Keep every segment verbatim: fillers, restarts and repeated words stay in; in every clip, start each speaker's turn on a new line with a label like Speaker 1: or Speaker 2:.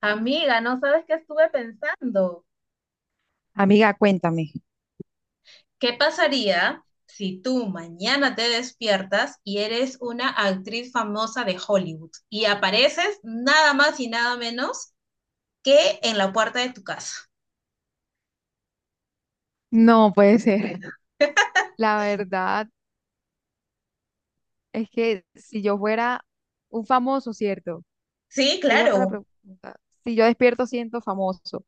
Speaker 1: Amiga, ¿no sabes qué estuve pensando?
Speaker 2: Amiga, cuéntame.
Speaker 1: ¿Qué pasaría si tú mañana te despiertas y eres una actriz famosa de Hollywood y apareces nada más y nada menos que en la puerta de tu casa?
Speaker 2: No puede ser. La verdad es que si yo fuera un famoso, ¿cierto?
Speaker 1: Sí,
Speaker 2: Esa fue la
Speaker 1: claro,
Speaker 2: pregunta. Si yo despierto, siento famoso.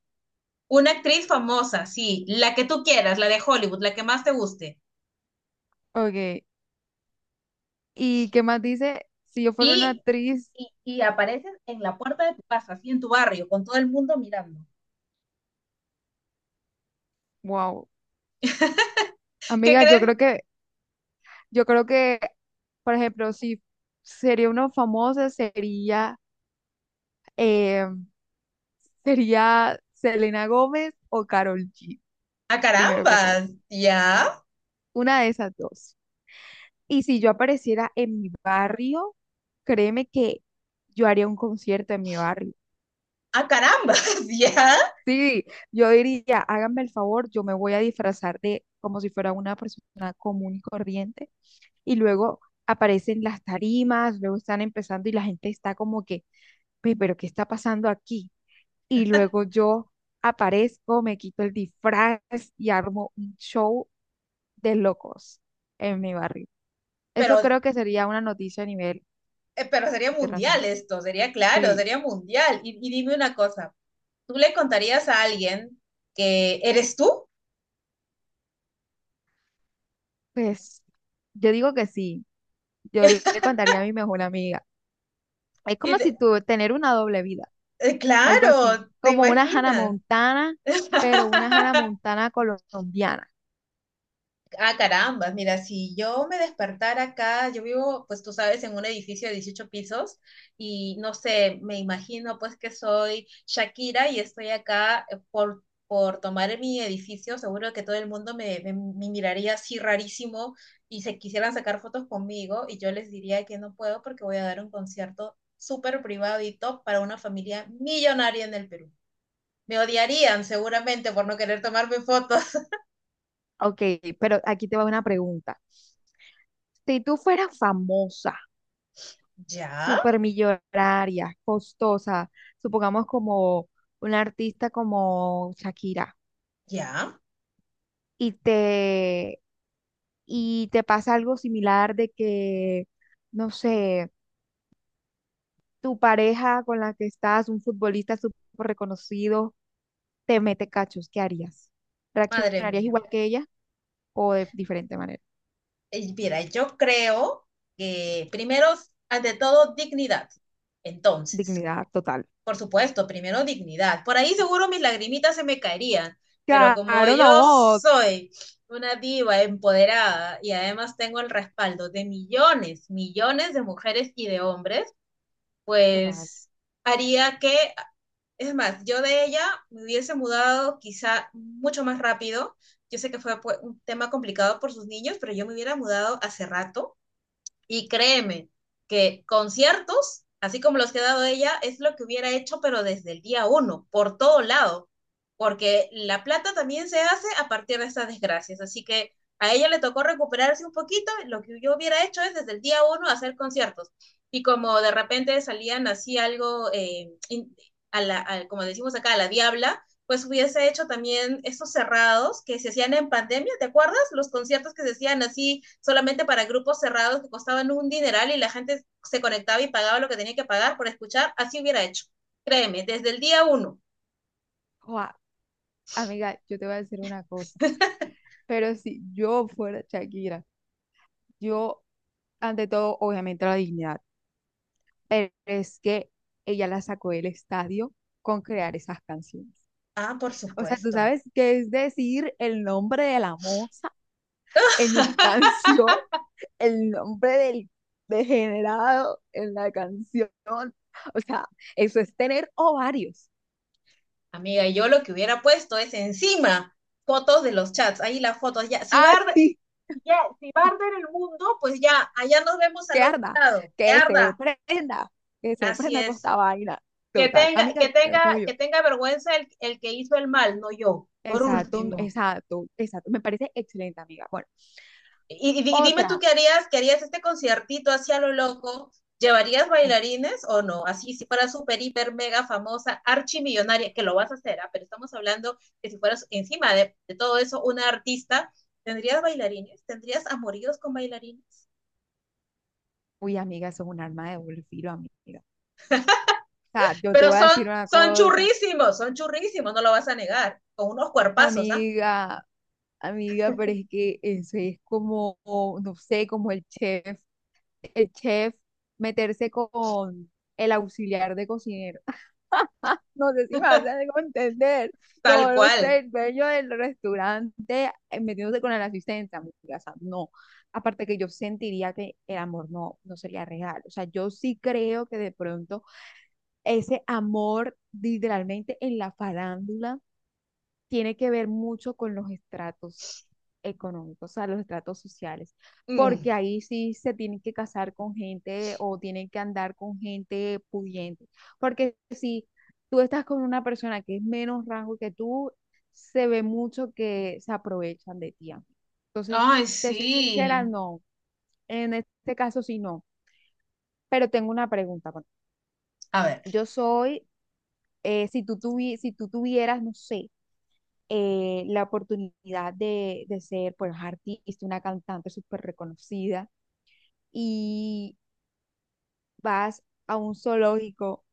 Speaker 1: una actriz famosa, sí, la que tú quieras, la de Hollywood, la que más te guste.
Speaker 2: Ok. ¿Y qué más dice? Si yo fuera una
Speaker 1: Y,
Speaker 2: actriz,
Speaker 1: y, y apareces en la puerta de tu casa, así en tu barrio, con todo el mundo mirando.
Speaker 2: wow.
Speaker 1: ¿Qué
Speaker 2: Amiga, yo
Speaker 1: crees?
Speaker 2: creo que, yo creo que, por ejemplo, si sería una famosa, sería, eh, sería Selena Gómez o Karol G,
Speaker 1: A
Speaker 2: primero que todo.
Speaker 1: carambas, ya.
Speaker 2: Una de esas dos. Y si yo apareciera en mi barrio, créeme que yo haría un concierto en mi barrio.
Speaker 1: A carambas, ya.
Speaker 2: Sí, yo diría, háganme el favor, yo me voy a disfrazar de como si fuera una persona común y corriente y luego aparecen las tarimas, luego están empezando y la gente está como que, "Pe- pero ¿qué está pasando aquí?" Y luego yo aparezco, me quito el disfraz y armo un show de locos en mi barrio.
Speaker 1: Pero
Speaker 2: Eso creo que sería una noticia a nivel
Speaker 1: Eh, pero sería mundial
Speaker 2: internacional.
Speaker 1: esto, sería claro,
Speaker 2: Sí,
Speaker 1: sería mundial. Y, y dime una cosa, ¿tú le contarías a alguien que eres tú?
Speaker 2: pues yo digo que sí, yo le le contaría a mi mejor amiga. Es
Speaker 1: Y
Speaker 2: como si
Speaker 1: te-
Speaker 2: tú tener una doble vida,
Speaker 1: eh,
Speaker 2: algo así,
Speaker 1: claro, ¿te
Speaker 2: como una Hannah
Speaker 1: imaginas?
Speaker 2: Montana, pero una Hannah Montana colombiana.
Speaker 1: Ah, caramba, mira, si yo me despertara acá, yo vivo, pues tú sabes, en un edificio de dieciocho pisos y no sé, me imagino pues que soy Shakira y estoy acá, eh, por, por tomar mi edificio, seguro que todo el mundo me, me- me miraría así rarísimo y se quisieran sacar fotos conmigo y yo les diría que no puedo porque voy a dar un concierto súper privado y top para una familia millonaria en el Perú. Me odiarían seguramente por no querer tomarme fotos.
Speaker 2: Ok, pero aquí te va una pregunta. Si tú fueras famosa,
Speaker 1: Ya,
Speaker 2: supermillonaria, costosa, supongamos como una artista como Shakira,
Speaker 1: ya.
Speaker 2: y te, y te pasa algo similar de que, no sé, tu pareja con la que estás, un futbolista súper reconocido, te mete cachos, ¿qué harías?
Speaker 1: Madre
Speaker 2: ¿Reaccionarías
Speaker 1: mía.
Speaker 2: igual que ella o de diferente manera?
Speaker 1: Eh, Mira, yo creo que primero, ante todo, dignidad. Entonces,
Speaker 2: Dignidad total.
Speaker 1: por supuesto, primero dignidad. Por ahí seguro mis lagrimitas se me caerían, pero como
Speaker 2: Claro,
Speaker 1: yo
Speaker 2: no,
Speaker 1: soy una diva empoderada y además tengo el respaldo de millones, millones de mujeres y de hombres,
Speaker 2: total.
Speaker 1: pues haría que, es más, yo de ella me hubiese mudado quizá mucho más rápido. Yo sé que fue pues, un tema complicado por sus niños, pero yo me hubiera mudado hace rato y créeme que conciertos, así como los que ha dado ella, es lo que hubiera hecho, pero desde el día uno, por todo lado, porque la plata también se hace a partir de estas desgracias. Así que a ella le tocó recuperarse un poquito. Lo que yo hubiera hecho es desde el día uno hacer conciertos. Y como de repente salían así algo, eh, a la, a- como decimos acá, a la diabla, pues hubiese hecho también estos cerrados que se hacían en pandemia, ¿te acuerdas? Los conciertos que se hacían así solamente para grupos cerrados que costaban un dineral y la gente se conectaba y pagaba lo que tenía que pagar por escuchar, así hubiera hecho. Créeme, desde el día uno.
Speaker 2: Joa, amiga, yo te voy a decir una cosa, pero si yo fuera Shakira, yo, ante todo, obviamente la dignidad, pero es que ella la sacó del estadio con crear esas canciones.
Speaker 1: Ah, por
Speaker 2: O sea, tú
Speaker 1: supuesto.
Speaker 2: sabes qué es decir el nombre de la moza en la canción. El nombre del degenerado en la canción. O sea, eso es tener ovarios.
Speaker 1: Amiga, yo lo que hubiera puesto es encima fotos de los chats, ahí las fotos, ya, si va a arder,
Speaker 2: Así
Speaker 1: ya, si va a arder el mundo, pues ya, allá nos vemos
Speaker 2: que
Speaker 1: al otro
Speaker 2: arda,
Speaker 1: lado, que
Speaker 2: que se
Speaker 1: arda,
Speaker 2: prenda, que se
Speaker 1: así
Speaker 2: prenda toda
Speaker 1: es.
Speaker 2: esta vaina.
Speaker 1: Que
Speaker 2: Total,
Speaker 1: tenga,
Speaker 2: amiga,
Speaker 1: que
Speaker 2: te lo
Speaker 1: tenga,
Speaker 2: pago yo.
Speaker 1: que tenga vergüenza el, el que hizo el mal, no yo, por
Speaker 2: Exacto,
Speaker 1: último.
Speaker 2: exacto, exacto. Me parece excelente, amiga. Bueno,
Speaker 1: Y, y, y dime tú
Speaker 2: otra.
Speaker 1: qué harías, qué harías este conciertito hacia lo loco. ¿Llevarías bailarines o no? Así, si fueras súper, hiper, mega famosa, archimillonaria, que lo vas a hacer, ¿ah? Pero estamos hablando que si fueras encima de, de, todo eso una artista, ¿tendrías bailarines? ¿Tendrías amoríos con bailarines?
Speaker 2: Uy, amiga, eso es un arma de doble filo, amiga. O sea, yo te
Speaker 1: Pero
Speaker 2: voy a
Speaker 1: son,
Speaker 2: decir una
Speaker 1: son
Speaker 2: cosa,
Speaker 1: churrísimos, son churrísimos, no lo vas a negar, con unos cuerpazos, ¿ah?
Speaker 2: amiga, amiga, pero es que eso es como, no sé, como el chef el chef meterse con el auxiliar de cocinero. No sé si me hacen entender,
Speaker 1: Tal
Speaker 2: como no sé,
Speaker 1: cual.
Speaker 2: el dueño del restaurante eh, metiéndose con el asistente, amiga, o sea, no. Aparte que yo sentiría que el amor no, no sería real. O sea, yo sí creo que de pronto ese amor literalmente en la farándula tiene que ver mucho con los estratos económicos, o sea, los estratos sociales,
Speaker 1: Mm.
Speaker 2: porque ahí sí se tienen que casar con gente o tienen que andar con gente pudiente, porque si tú estás con una persona que es menos rango que tú, se ve mucho que se aprovechan de ti, amigo. Entonces,
Speaker 1: Ay,
Speaker 2: te soy sincera,
Speaker 1: sí.
Speaker 2: no, en este caso sí no, pero tengo una pregunta. Bueno,
Speaker 1: A ver.
Speaker 2: yo soy, eh, si tú tuvi- si tú tuvieras, no sé, eh, la oportunidad de, de ser pues artista, una cantante súper reconocida y vas a un zoológico,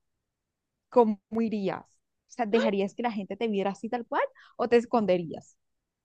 Speaker 2: ¿cómo irías? O sea, ¿dejarías que la gente te viera así tal cual o te esconderías?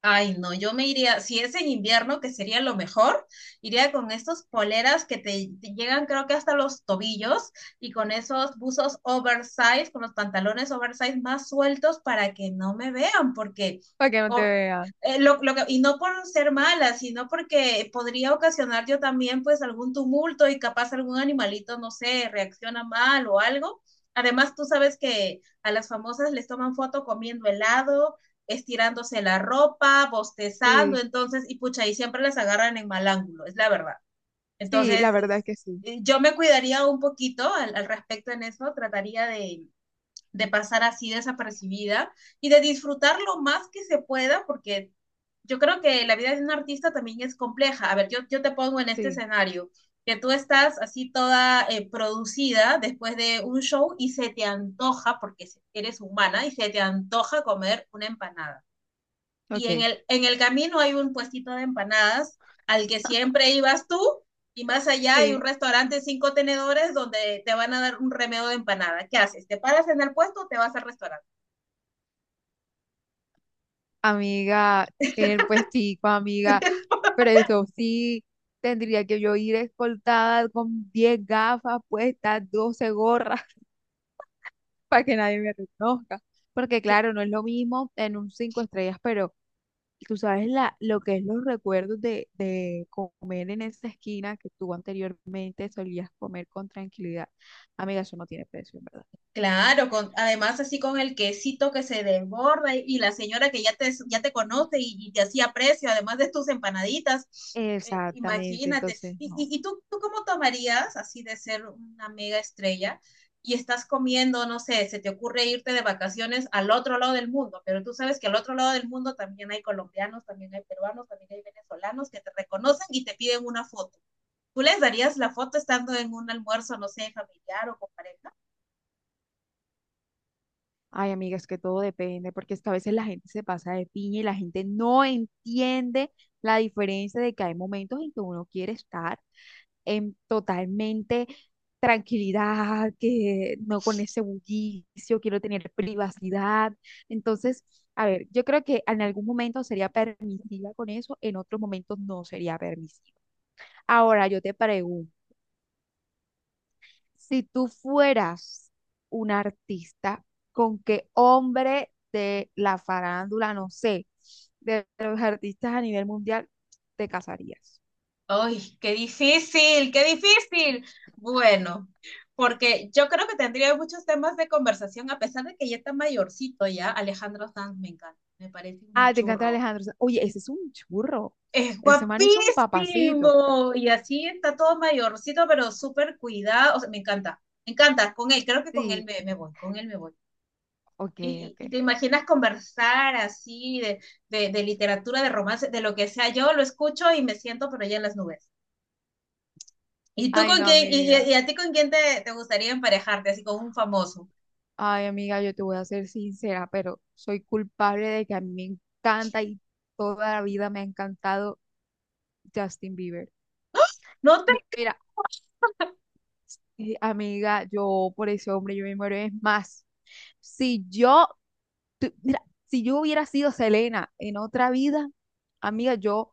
Speaker 1: Ay, no, yo me iría, si es en invierno, que sería lo mejor, iría con estos poleras que te, te llegan creo que hasta los tobillos y con esos buzos oversize, con los pantalones oversize más sueltos para que no me vean, porque
Speaker 2: Para que no te
Speaker 1: o-
Speaker 2: vean.
Speaker 1: eh, lo, lo que, y no por ser mala, sino porque podría ocasionar yo también pues algún tumulto y capaz algún animalito, no sé, reacciona mal o algo. Además, tú sabes que a las famosas les toman foto comiendo helado, estirándose la ropa, bostezando,
Speaker 2: Sí,
Speaker 1: entonces, y pucha, y siempre las agarran en mal ángulo, es la verdad.
Speaker 2: sí, la verdad
Speaker 1: Entonces,
Speaker 2: es que sí.
Speaker 1: eh, yo me cuidaría un poquito al, al respecto en eso, trataría de, de pasar así desapercibida y de disfrutar lo más que se pueda, porque yo creo que la vida de un artista también es compleja. A ver, yo, yo te pongo en este
Speaker 2: Sí,
Speaker 1: escenario, que tú estás así toda eh, producida después de un show y se te antoja, porque eres humana, y se te antoja comer una empanada y en
Speaker 2: ok.
Speaker 1: el, en el camino hay un puestito de empanadas al que siempre ibas tú y más allá hay un
Speaker 2: Sí.
Speaker 1: restaurante de cinco tenedores donde te van a dar un remedo de empanada. ¿Qué haces? ¿Te paras en el puesto o te vas al restaurante?
Speaker 2: Amiga, en el puestico, amiga. Pero eso sí, tendría que yo ir escoltada con diez gafas puestas, doce gorras. Para que nadie me reconozca. Porque claro, no es lo mismo en un cinco estrellas, pero tú sabes la, lo que es los recuerdos de, de comer en esa esquina que tú anteriormente solías comer con tranquilidad. Amiga, eso no tiene precio, en verdad.
Speaker 1: Claro, con, además así con el quesito que se desborda y, y la señora que ya te, ya te conoce y, y te hacía precio, además de tus empanaditas, eh,
Speaker 2: Exactamente,
Speaker 1: imagínate.
Speaker 2: entonces
Speaker 1: ¿Y,
Speaker 2: no.
Speaker 1: y y tú, tú cómo tomarías así de ser una mega estrella y estás comiendo, no sé, se te ocurre irte de vacaciones al otro lado del mundo, pero tú sabes que al otro lado del mundo también hay colombianos, también hay peruanos, también hay venezolanos que te reconocen y te piden una foto? ¿Tú les darías la foto estando en un almuerzo, no sé, familiar o con pareja?
Speaker 2: Ay, amiga, es que todo depende, porque es que a veces la gente se pasa de piña y la gente no entiende la diferencia de que hay momentos en que uno quiere estar en totalmente tranquilidad, que no con ese bullicio, quiero tener privacidad. Entonces, a ver, yo creo que en algún momento sería permisiva con eso, en otros momentos no sería permisiva. Ahora yo te pregunto, si tú fueras un artista, ¿con qué hombre de la farándula, no sé, de los artistas a nivel mundial, te casarías?
Speaker 1: ¡Ay, qué difícil, qué difícil! Bueno, porque yo creo que tendría muchos temas de conversación, a pesar de que ya está mayorcito ya. Alejandro Sanz me encanta, me parece un
Speaker 2: Ah, te encanta
Speaker 1: churro.
Speaker 2: Alejandro Sanz. Oye, ese es un churro.
Speaker 1: Es
Speaker 2: Ese man es un papacito.
Speaker 1: guapísimo. Y así está todo mayorcito, pero súper cuidado. O sea, me encanta, me encanta. Con él, creo que con él
Speaker 2: Sí,
Speaker 1: me, me voy, con él me voy.
Speaker 2: ok,
Speaker 1: Y,
Speaker 2: ok.
Speaker 1: y, y te imaginas conversar así de, de, de literatura, de romance, de lo que sea. Yo lo escucho y me siento, pero ya en las nubes. ¿Y tú
Speaker 2: Ay,
Speaker 1: con
Speaker 2: no,
Speaker 1: quién, y,
Speaker 2: amiga.
Speaker 1: y- y a ti con quién te, te gustaría emparejarte, así con un famoso?
Speaker 2: Ay, amiga, yo te voy a ser sincera, pero soy culpable de que a mí me encanta y toda la vida me ha encantado Justin Bieber.
Speaker 1: No te,
Speaker 2: Mi- Mira, eh, amiga, yo por ese hombre yo me muero. Es más, si yo, tu- mira, si yo hubiera sido Selena en otra vida, amiga, yo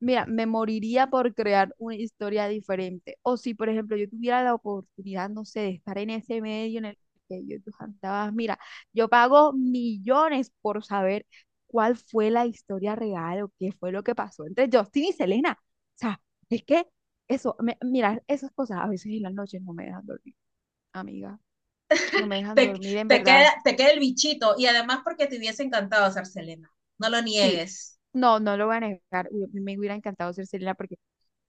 Speaker 2: Mira, me moriría por crear una historia diferente. O si, por ejemplo, yo tuviera la oportunidad, no sé, de estar en ese medio en el que yo tú cantabas, mira, yo pago millones por saber cuál fue la historia real o qué fue lo que pasó entre Justin y Selena. O sea, es que eso, me- mira, esas cosas a veces en las noches no me dejan dormir, amiga. No me dejan
Speaker 1: te,
Speaker 2: dormir, en
Speaker 1: te
Speaker 2: verdad.
Speaker 1: queda, te queda el bichito, y además porque te hubiese encantado ser Selena, no lo
Speaker 2: Sí,
Speaker 1: niegues.
Speaker 2: no, no lo voy a negar. Uy, a mí me hubiera encantado ser Selena porque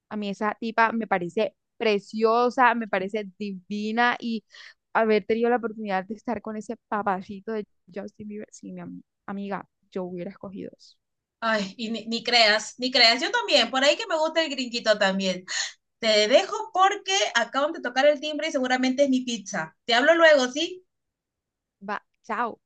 Speaker 2: a mí esa tipa me parece preciosa, me parece divina y haber tenido la oportunidad de estar con ese papacito de Justin Bieber, sí, mi ami- amiga, yo hubiera escogido eso.
Speaker 1: Ay, y ni, ni creas, ni creas, yo también, por ahí que me gusta el gringuito también. Te dejo porque acaban de tocar el timbre y seguramente es mi pizza. Te hablo luego, ¿sí?
Speaker 2: Va, chao.